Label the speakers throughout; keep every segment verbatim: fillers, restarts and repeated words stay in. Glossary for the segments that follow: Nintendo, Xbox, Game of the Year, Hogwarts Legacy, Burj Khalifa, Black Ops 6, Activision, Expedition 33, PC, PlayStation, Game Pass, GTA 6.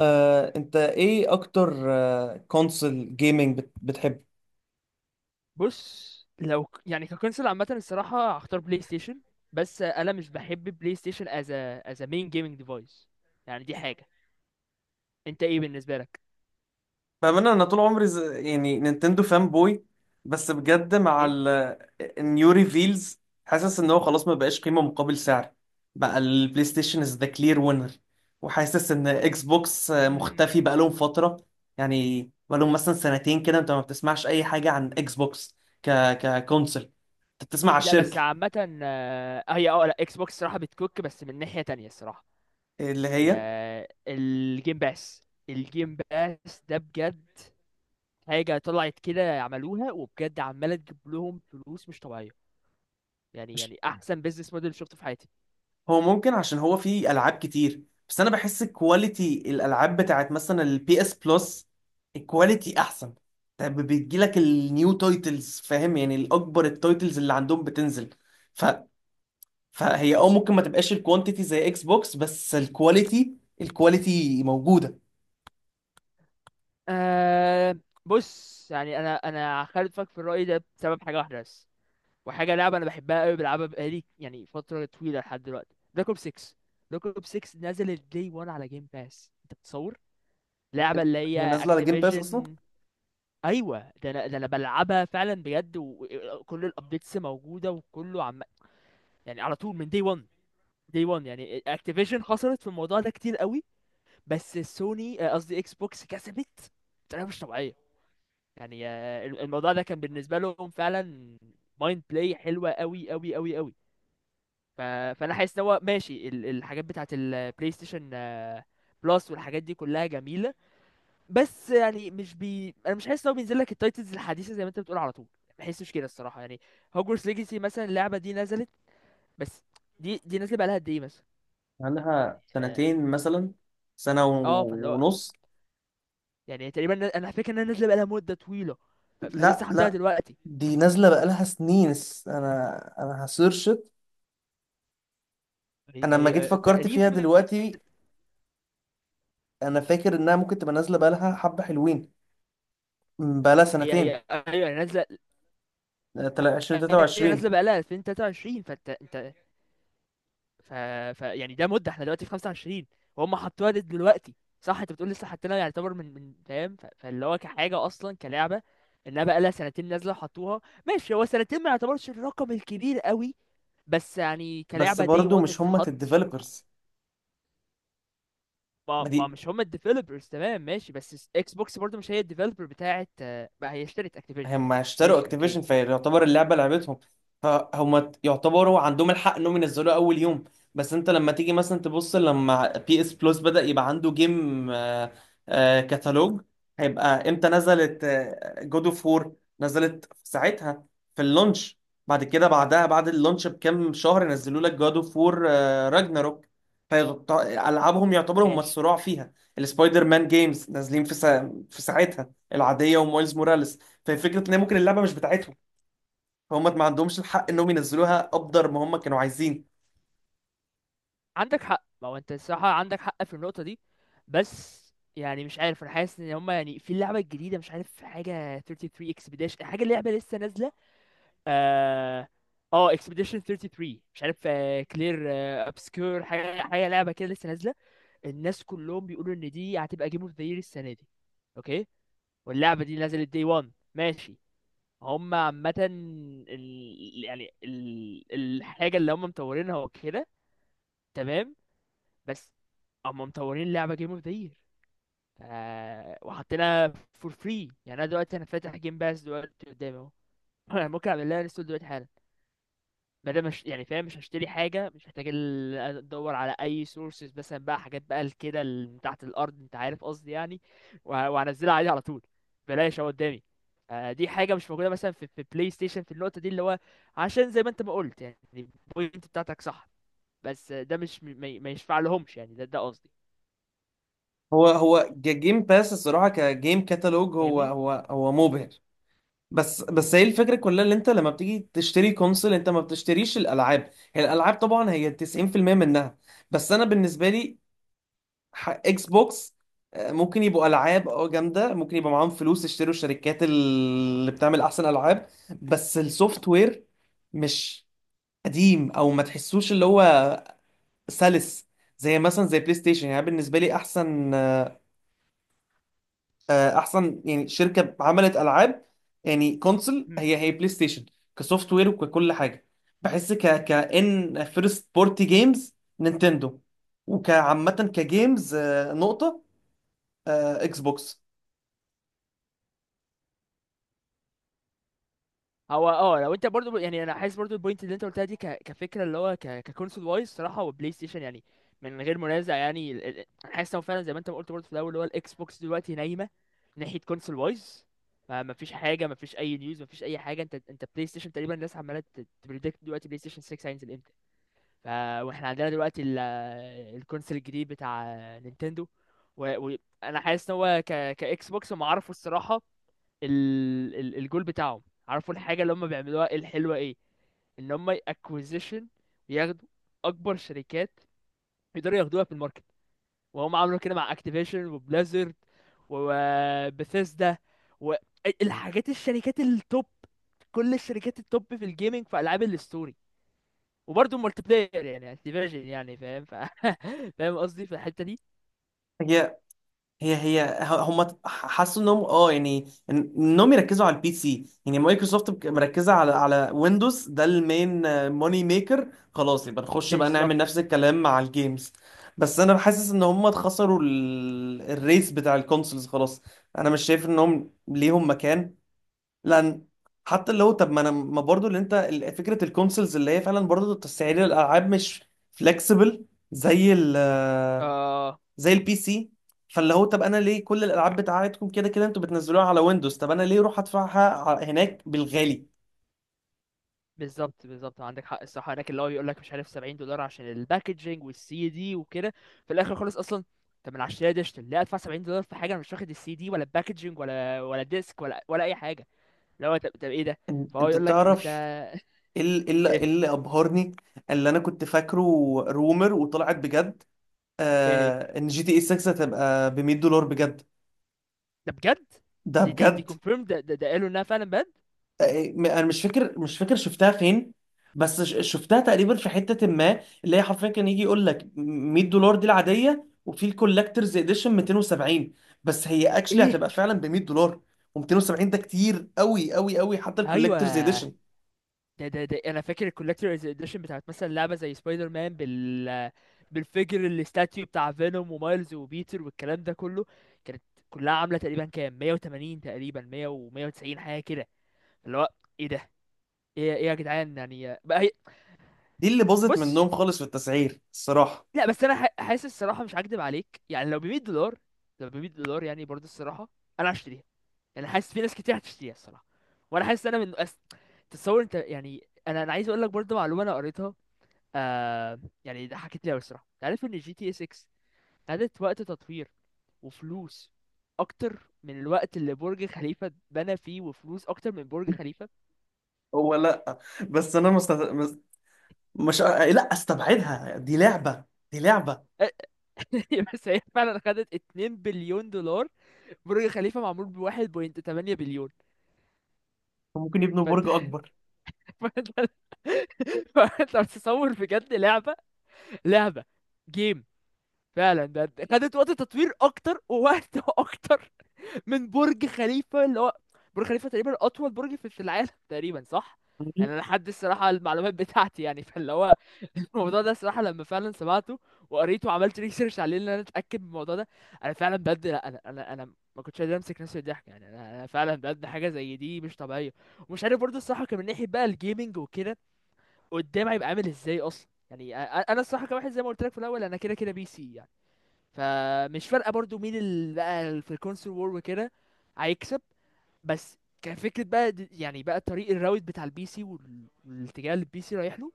Speaker 1: آه، انت ايه اكتر كونسول جيمنج بتحب؟
Speaker 2: بص، لو ك- يعني ككونسول عامة الصراحة هختار بلاي ستيشن. بس أنا مش بحب بلاي ستيشن as a as a main gaming device. يعني دي حاجة. أنت إيه بالنسبة لك؟
Speaker 1: بأمانة أنا طول عمري ز- يعني نينتندو فان بوي، بس بجد مع
Speaker 2: إيه؟
Speaker 1: ال النيو ريفيلز حاسس إن هو خلاص ما بقاش قيمة مقابل سعر. بقى البلاي ستيشن از ذا كلير وينر، وحاسس إن إكس بوكس آه،
Speaker 2: مم.
Speaker 1: مختفي بقالهم فترة. يعني بقالهم مثلا سنتين كده أنت ما بتسمعش أي حاجة عن إكس بوكس ك ككونسل، أنت بتسمع على
Speaker 2: لا بس
Speaker 1: الشركة
Speaker 2: عامة آه، هي أه لا، إكس بوكس الصراحة بتكوك، بس من ناحية تانية الصراحة
Speaker 1: اللي
Speaker 2: هي
Speaker 1: هي.
Speaker 2: الجيم باس. الجيم باس ده بجد حاجة طلعت كده، عملوها وبجد عمالة تجيب لهم فلوس مش طبيعية. يعني يعني أحسن بيزنس موديل شفته في حياتي.
Speaker 1: هو ممكن عشان هو فيه العاب كتير، بس انا بحس كواليتي الالعاب بتاعت مثلا البي اس بلس الكواليتي احسن. طب بتجيلك النيو تايتلز، فاهم؟ يعني الاكبر، التايتلز اللي عندهم بتنزل، ف... فهي اه ممكن ما تبقاش الكوانتيتي زي اكس بوكس، بس الكواليتي الكواليتي موجودة.
Speaker 2: أه، بص يعني انا انا خالفك في الرأي ده بسبب حاجة واحدة بس، وحاجة لعبة انا بحبها قوي، بلعبها بقالي يعني فترة طويلة لحد دلوقتي، بلاك اوب ستة. بلاك اوب ستة نزل الدي واحد على جيم باس، انت بتصور؟ لعبة اللي
Speaker 1: هي
Speaker 2: هي
Speaker 1: نازلة على جيم باس اصلا.
Speaker 2: اكتيفيجن. ايوه، ده انا ده انا بلعبها فعلا بجد، وكل الابديتس موجودة وكله عم، يعني على طول من دي واحد. دي واحد يعني اكتيفيجن خسرت في الموضوع ده كتير قوي، بس سوني آه، قصدي اكس بوكس كسبت بطريقة مش طبيعية. يعني آه، الموضوع ده كان بالنسبه لهم فعلا مايند بلاي حلوه، قوي قوي قوي قوي. ف... فانا حاسس ان هو ماشي، ال- الحاجات بتاعه البلاي ستيشن آه، بلس والحاجات دي كلها جميله. بس يعني مش بي انا مش حاسس ان هو بينزل لك التايتلز الحديثه زي ما انت بتقول على طول، ما بحسش كده الصراحه يعني. هوجورتس ليجاسي مثلا، اللعبه دي نزلت بس، دي دي نازله بقالها قد ايه مثلا؟
Speaker 1: عندها
Speaker 2: اه،
Speaker 1: سنتين مثلا، سنة
Speaker 2: آه، فاللي
Speaker 1: و-
Speaker 2: هو
Speaker 1: ونص.
Speaker 2: يعني تقريبا انا فاكر انها نازله بقالها مده طويله. ف...
Speaker 1: لا
Speaker 2: فلسه حاطينها
Speaker 1: لا،
Speaker 2: دلوقتي.
Speaker 1: دي نازلة بقالها سنين، س- انا انا هسيرش.
Speaker 2: هي...
Speaker 1: انا لما جيت
Speaker 2: هي...
Speaker 1: فكرت فيها
Speaker 2: تقريبا.
Speaker 1: دلوقتي، انا فاكر انها ممكن تبقى نازله بقالها حبه حلوين. م، بقالها
Speaker 2: هي
Speaker 1: سنتين.
Speaker 2: هي أيوة، هي نازله.
Speaker 1: آه، تلا-
Speaker 2: هي
Speaker 1: الفين وثلاثة وعشرين.
Speaker 2: نازله بقالها ألفين وتلاتة وعشرين، فانت انت. ف... ف... يعني ده مده، احنا دلوقتي في خمسة وعشرين وهم حطوها لد دلوقتي. صح؟ انت بتقول لسه حاطينها، يعني يعتبر من من فاهم، ف... فاللي هو كحاجه اصلا كلعبه انها بقالها سنتين نازله وحطوها. ماشي، هو سنتين ما يعتبرش الرقم الكبير قوي، بس يعني
Speaker 1: بس
Speaker 2: كلعبه دي
Speaker 1: برضو
Speaker 2: واحد
Speaker 1: مش هما
Speaker 2: تتحط.
Speaker 1: الديفلوبرز.
Speaker 2: ما
Speaker 1: ما
Speaker 2: ما
Speaker 1: دي
Speaker 2: مش هم الديفلوبرز، تمام ماشي، بس اكس بوكس برضه مش هي الديفلوبر بتاعت، آه، بقى هي اشترت اكتيفيجن.
Speaker 1: هم اشتروا
Speaker 2: ماشي
Speaker 1: اكتيفيجن،
Speaker 2: اوكي،
Speaker 1: فيعتبر اللعبه لعبتهم، فهم يعتبروا عندهم الحق انهم ينزلوها اول يوم. بس انت لما تيجي مثلا تبص، لما بي اس بلس بدأ يبقى عنده جيم آه، آه، كتالوج، هيبقى امتى نزلت؟ جود اوف وور نزلت في ساعتها في اللونش. بعد كده، بعدها بعد اللونش بكام شهر نزلوا لك جود اوف وور راجناروك. فالعابهم يعتبروا هم
Speaker 2: ماشي.
Speaker 1: الصراع فيها. السبايدر مان جيمز نازلين في سا... في ساعتها العاديه، ومايلز موراليس. ففكره ان هي ممكن اللعبه مش بتاعتهم، فهم ما عندهمش الحق انهم ينزلوها ابدر ما هم كانوا عايزين.
Speaker 2: عندك حق، ما هو انت الصراحة عندك حق في النقطة دي. بس يعني مش عارف، انا حاسس ان هما يعني في اللعبة الجديدة، مش عارف، حاجة تلاتة وتلاتين اكسبيديشن، حاجة اللعبة لسه نازلة. اه، اه اكسبيديشن تلاتة وتلاتين، مش عارف. كلير ابسكور، حاجة حاجة لعبة كده لسه نازلة. الناس كلهم بيقولوا ان دي هتبقى جيم اوف ذا يير السنة دي. اوكي. واللعبة دي نزلت دي واحد ماشي، هم عامة ال... يعني ال... الحاجة اللي هم مطورينها وكده، تمام. بس اما مطورين اللعبه جيم اوف ذا يير، ف... وحاطينها فور فري. يعني انا دلوقتي انا فاتح جيم باس دلوقتي قدامي اهو. انا ممكن اعمل لها انستول دلوقتي حالا، ما دام مش يعني فاهم مش هشتري حاجه، مش محتاج ال- ادور على اي سورسز مثلا بقى، حاجات بقى ال- كده ال- من تحت الارض، انت عارف قصدي يعني. وه- وهنزلها عادي على طول، بلاش اهو قدامي. آه، دي حاجه مش موجوده مثلا في في بلاي ستيشن، في النقطه دي اللي هو. عشان زي ما انت ما قلت يعني البوينت بتاعتك صح، بس آه، ده مش م- ما ما يشفع لهمش، يعني ده ده قصدي،
Speaker 1: هو هو جيم باس الصراحه كجيم كتالوج هو
Speaker 2: فاهمني.
Speaker 1: هو هو مبهر. بس بس هي الفكره كلها، اللي انت لما بتيجي تشتري كونسول انت ما بتشتريش الالعاب، هي الالعاب طبعا هي تسعين في المية منها. بس انا بالنسبه لي، ح- اكس بوكس آه، ممكن يبقوا العاب اه جامده، ممكن يبقى معاهم فلوس يشتروا الشركات اللي بتعمل احسن العاب، بس السوفت وير مش قديم او ما تحسوش اللي هو سلس زي مثلا زي بلاي ستيشن. يعني أنا بالنسبه لي احسن، آه، احسن يعني شركه عملت العاب، يعني كونسول، هي هي بلاي ستيشن كسوفت وير وككل حاجه. بحس ك كان فيرست بورتي جيمز نينتندو، وكعامه كجيمز آه، نقطه، آه، اكس بوكس.
Speaker 2: هو اه لو انت برضو يعني، انا حاسس برضو البوينت اللي انت قلتها دي ك... كفكره اللي هو ك... ككونسول وايز صراحه، وبلاي ستيشن يعني من غير منازع. يعني ال... ال... انا حاسس هو فعلا زي ما انت ما قلت برضو في الاول، اللي هو الاكس بوكس دلوقتي نايمه ناحيه كونسول وايز. ما ما فيش حاجه، ما فيش اي نيوز، ما فيش اي حاجه. انت انت بلاي ستيشن تقريبا الناس عماله تبريدكت دلوقتي بلاي ستيشن ستة هينزل امتى. ف، واحنا عندنا دلوقتي ال... الكونسول الجديد بتاع نينتندو. وانا و... و- أنا حاسس ان هو ك... كاكس بوكس، هم عرفوا الصراحه ال... ال... الجول بتاعهم، عارفوا الحاجة اللي هم بيعملوها إيه الحلوة. ايه؟ ان هم اكوزيشن، ياخدوا اكبر شركات يقدروا ياخدوها في الماركت. وهم عملوا كده مع اكتيفيشن وبليزرد وبثيسدا، والحاجات الشركات التوب، كل الشركات التوب في الجيمنج، في العاب الستوري وبرضه مالتي بلاير، يعني اكتيفيشن يعني فاهم. ف... فاهم قصدي في الحتة دي.
Speaker 1: هي هي هي ه- هم حسوا انهم اه يعني إن- انهم يركزوا على البي سي، يعني مايكروسوفت بك- مركزه على على ويندوز ده المين موني ميكر، خلاص يبقى نخش بقى نعمل
Speaker 2: بالظبط.
Speaker 1: نفس الكلام مع الجيمز. بس انا حاسس ان هم اتخسروا ال- الريس بتاع الكونسولز خلاص، انا مش شايف انهم ليهم مكان. لان حتى لو، طب ما انا ما برضو اللي انت ال- فكره الكونسولز اللي هي فعلا برضو تسعير الالعاب مش فلكسبل زي
Speaker 2: آه
Speaker 1: زي البي سي. فاللي هو طب انا ليه كل الالعاب بتاعتكم كده كده انتوا بتنزلوها على ويندوز، طب انا ليه اروح ادفعها ع- هناك بالغالي؟
Speaker 2: بالظبط، بالظبط عندك حق الصراحه. هناك اللي هو بيقول لك، مش عارف، سبعين دولار عشان الباكجينج والسي دي وكده، في الاخر خالص اصلا. طب ما انا عشان دي اشتري، لا ادفع سبعين دولار في حاجه انا مش واخد السي دي ولا الباكجينج ولا ولا الديسك ولا ولا اي حاجه. اللي هو طب، طب ايه ده؟
Speaker 1: إن-
Speaker 2: فهو
Speaker 1: انت
Speaker 2: يقول لك ما انت،
Speaker 1: تعرف، ايه ال- إيه ال- إيه
Speaker 2: ايه؟
Speaker 1: اللي ابهرني، اللي انا كنت فاكره رومر وطلعت بجد؟
Speaker 2: ايه هي؟
Speaker 1: آه، ان جي تي اي ستة هتبقى ب مية دولار بجد.
Speaker 2: ده بجد؟
Speaker 1: ده
Speaker 2: دي دي دي
Speaker 1: بجد.
Speaker 2: كونفيرم؟ ده ده, ده قالوا انها فعلا بجد؟
Speaker 1: م- انا مش فاكر، مش فاكر شفتها فين، بس ش- شفتها تقريبا في حتة ما اللي هي حرفيا كان يجي يقول لك مية دولار دي العادية، وفي الكولكترز اديشن مئتين وسبعين. بس هي اكشلي
Speaker 2: ايه؟
Speaker 1: هتبقى فعلا ب مية دولار، و270 ده كتير قوي قوي قوي حتى
Speaker 2: ايوه،
Speaker 1: الكولكترز اديشن.
Speaker 2: ده ده ده انا فاكر الكولكتورز اديشن بتاعت مثلا لعبه زي سبايدر مان، بال، بالفيجر الاستاتيو بتاع فينوم ومايلز وبيتر والكلام ده كله، كانت كلها عامله تقريبا كام، مية وتمانين تقريبا، مية و190 حاجه كده. اللي هو ايه ده؟ ايه ايه يا جدعان يعني بقى هي.
Speaker 1: دي اللي باظت
Speaker 2: بص،
Speaker 1: منهم خالص في التسعير الصراحة.
Speaker 2: لا بس انا ح- حاسس الصراحه مش هكدب عليك، يعني لو ب مية دولار، لو ب مية دولار يعني برضه الصراحه انا هشتريها. يعني حاسس في ناس كتير هتشتريها الصراحه. وانا حاسس انا من أس... تتصور انت؟ يعني انا انا عايز اقول لك برضه معلومه انا قريتها. آه، يعني ده حكيت لي أوي الصراحة، أنت عارف إن جي تي اس ستة خدت وقت تطوير وفلوس أكتر من الوقت اللي برج خليفة اتبنى فيه، وفلوس أكتر من برج خليفة.
Speaker 1: هو لا، بس انا مست... مس- مش لا استبعدها، دي لعبة. دي لعبة
Speaker 2: بس هي فعلا خدت اتنين بليون دولار. برج خليفة معمول ب واحد فاصلة تمانية بليون.
Speaker 1: ممكن يبنوا برج
Speaker 2: فأنت،
Speaker 1: اكبر.
Speaker 2: فأنت، فأنت بتصور بجد لعبة، لعبة، جيم، فعلا ده خدت وقت تطوير أكتر ووقت أكتر من برج خليفة، اللي هو برج خليفة تقريبا أطول برج في في العالم تقريبا، صح؟ يعني أنا لحد الصراحة المعلومات بتاعتي يعني، فاللي هو الموضوع ده الصراحة لما فعلا سمعته وقريته وعملت ريسيرش عليه إن أنا أتأكد من الموضوع ده، أنا فعلا بجد لا أنا، أنا أنا ما كنتش قادر أمسك نفسي من الضحك. يعني أنا أنا فعلا بجد حاجة زي دي مش طبيعية. ومش عارف برضه الصراحة كان من ناحية بقى الجيمنج وكده قدام هيبقى عامل إزاي أصلا. يعني أ- أ- أنا الصراحة كواحد زي ما قلت لك في الأول، أنا كده كده بي سي يعني، فمش فارقة برضه مين اللي بقى في الكونسول وور وكده هيكسب. بس كفكرة بقى د- يعني بقى طريق الراوت بتاع البي سي، وال- والاتجاه اللي البي سي رايح له،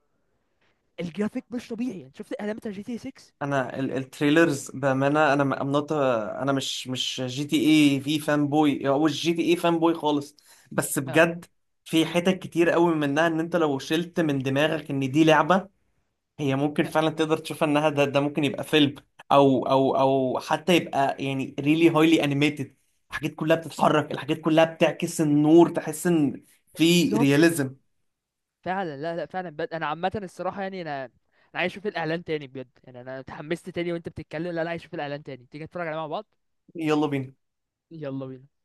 Speaker 2: الجرافيك مش طبيعي. يعني شفت الاعلان بتاع جي تي ستة؟
Speaker 1: انا ال- التريلرز بامانه، انا م- I'm not a- انا مش مش جي تي اي في فان بوي او مش جي تي اي فان بوي خالص، بس
Speaker 2: اه،
Speaker 1: بجد في حتت كتير قوي منها ان انت لو شلت من دماغك ان دي لعبه، هي ممكن فعلا تقدر تشوفها انها ده, ده ممكن يبقى فيلم او او او حتى يبقى يعني ريلي هايلي انيميتد. الحاجات كلها بتتحرك، الحاجات كلها بتعكس النور، تحس ان في
Speaker 2: بالظبط،
Speaker 1: رياليزم.
Speaker 2: فعلا، لا لا فعلا بجد انا عامة الصراحة يعني انا انا عايز اشوف الاعلان تاني بجد. يعني انا اتحمست تاني وانت بتتكلم، لا لا عايز اشوف الاعلان تاني، تيجي نتفرج عليه مع بعض.
Speaker 1: يلا بينا.
Speaker 2: يلا بينا.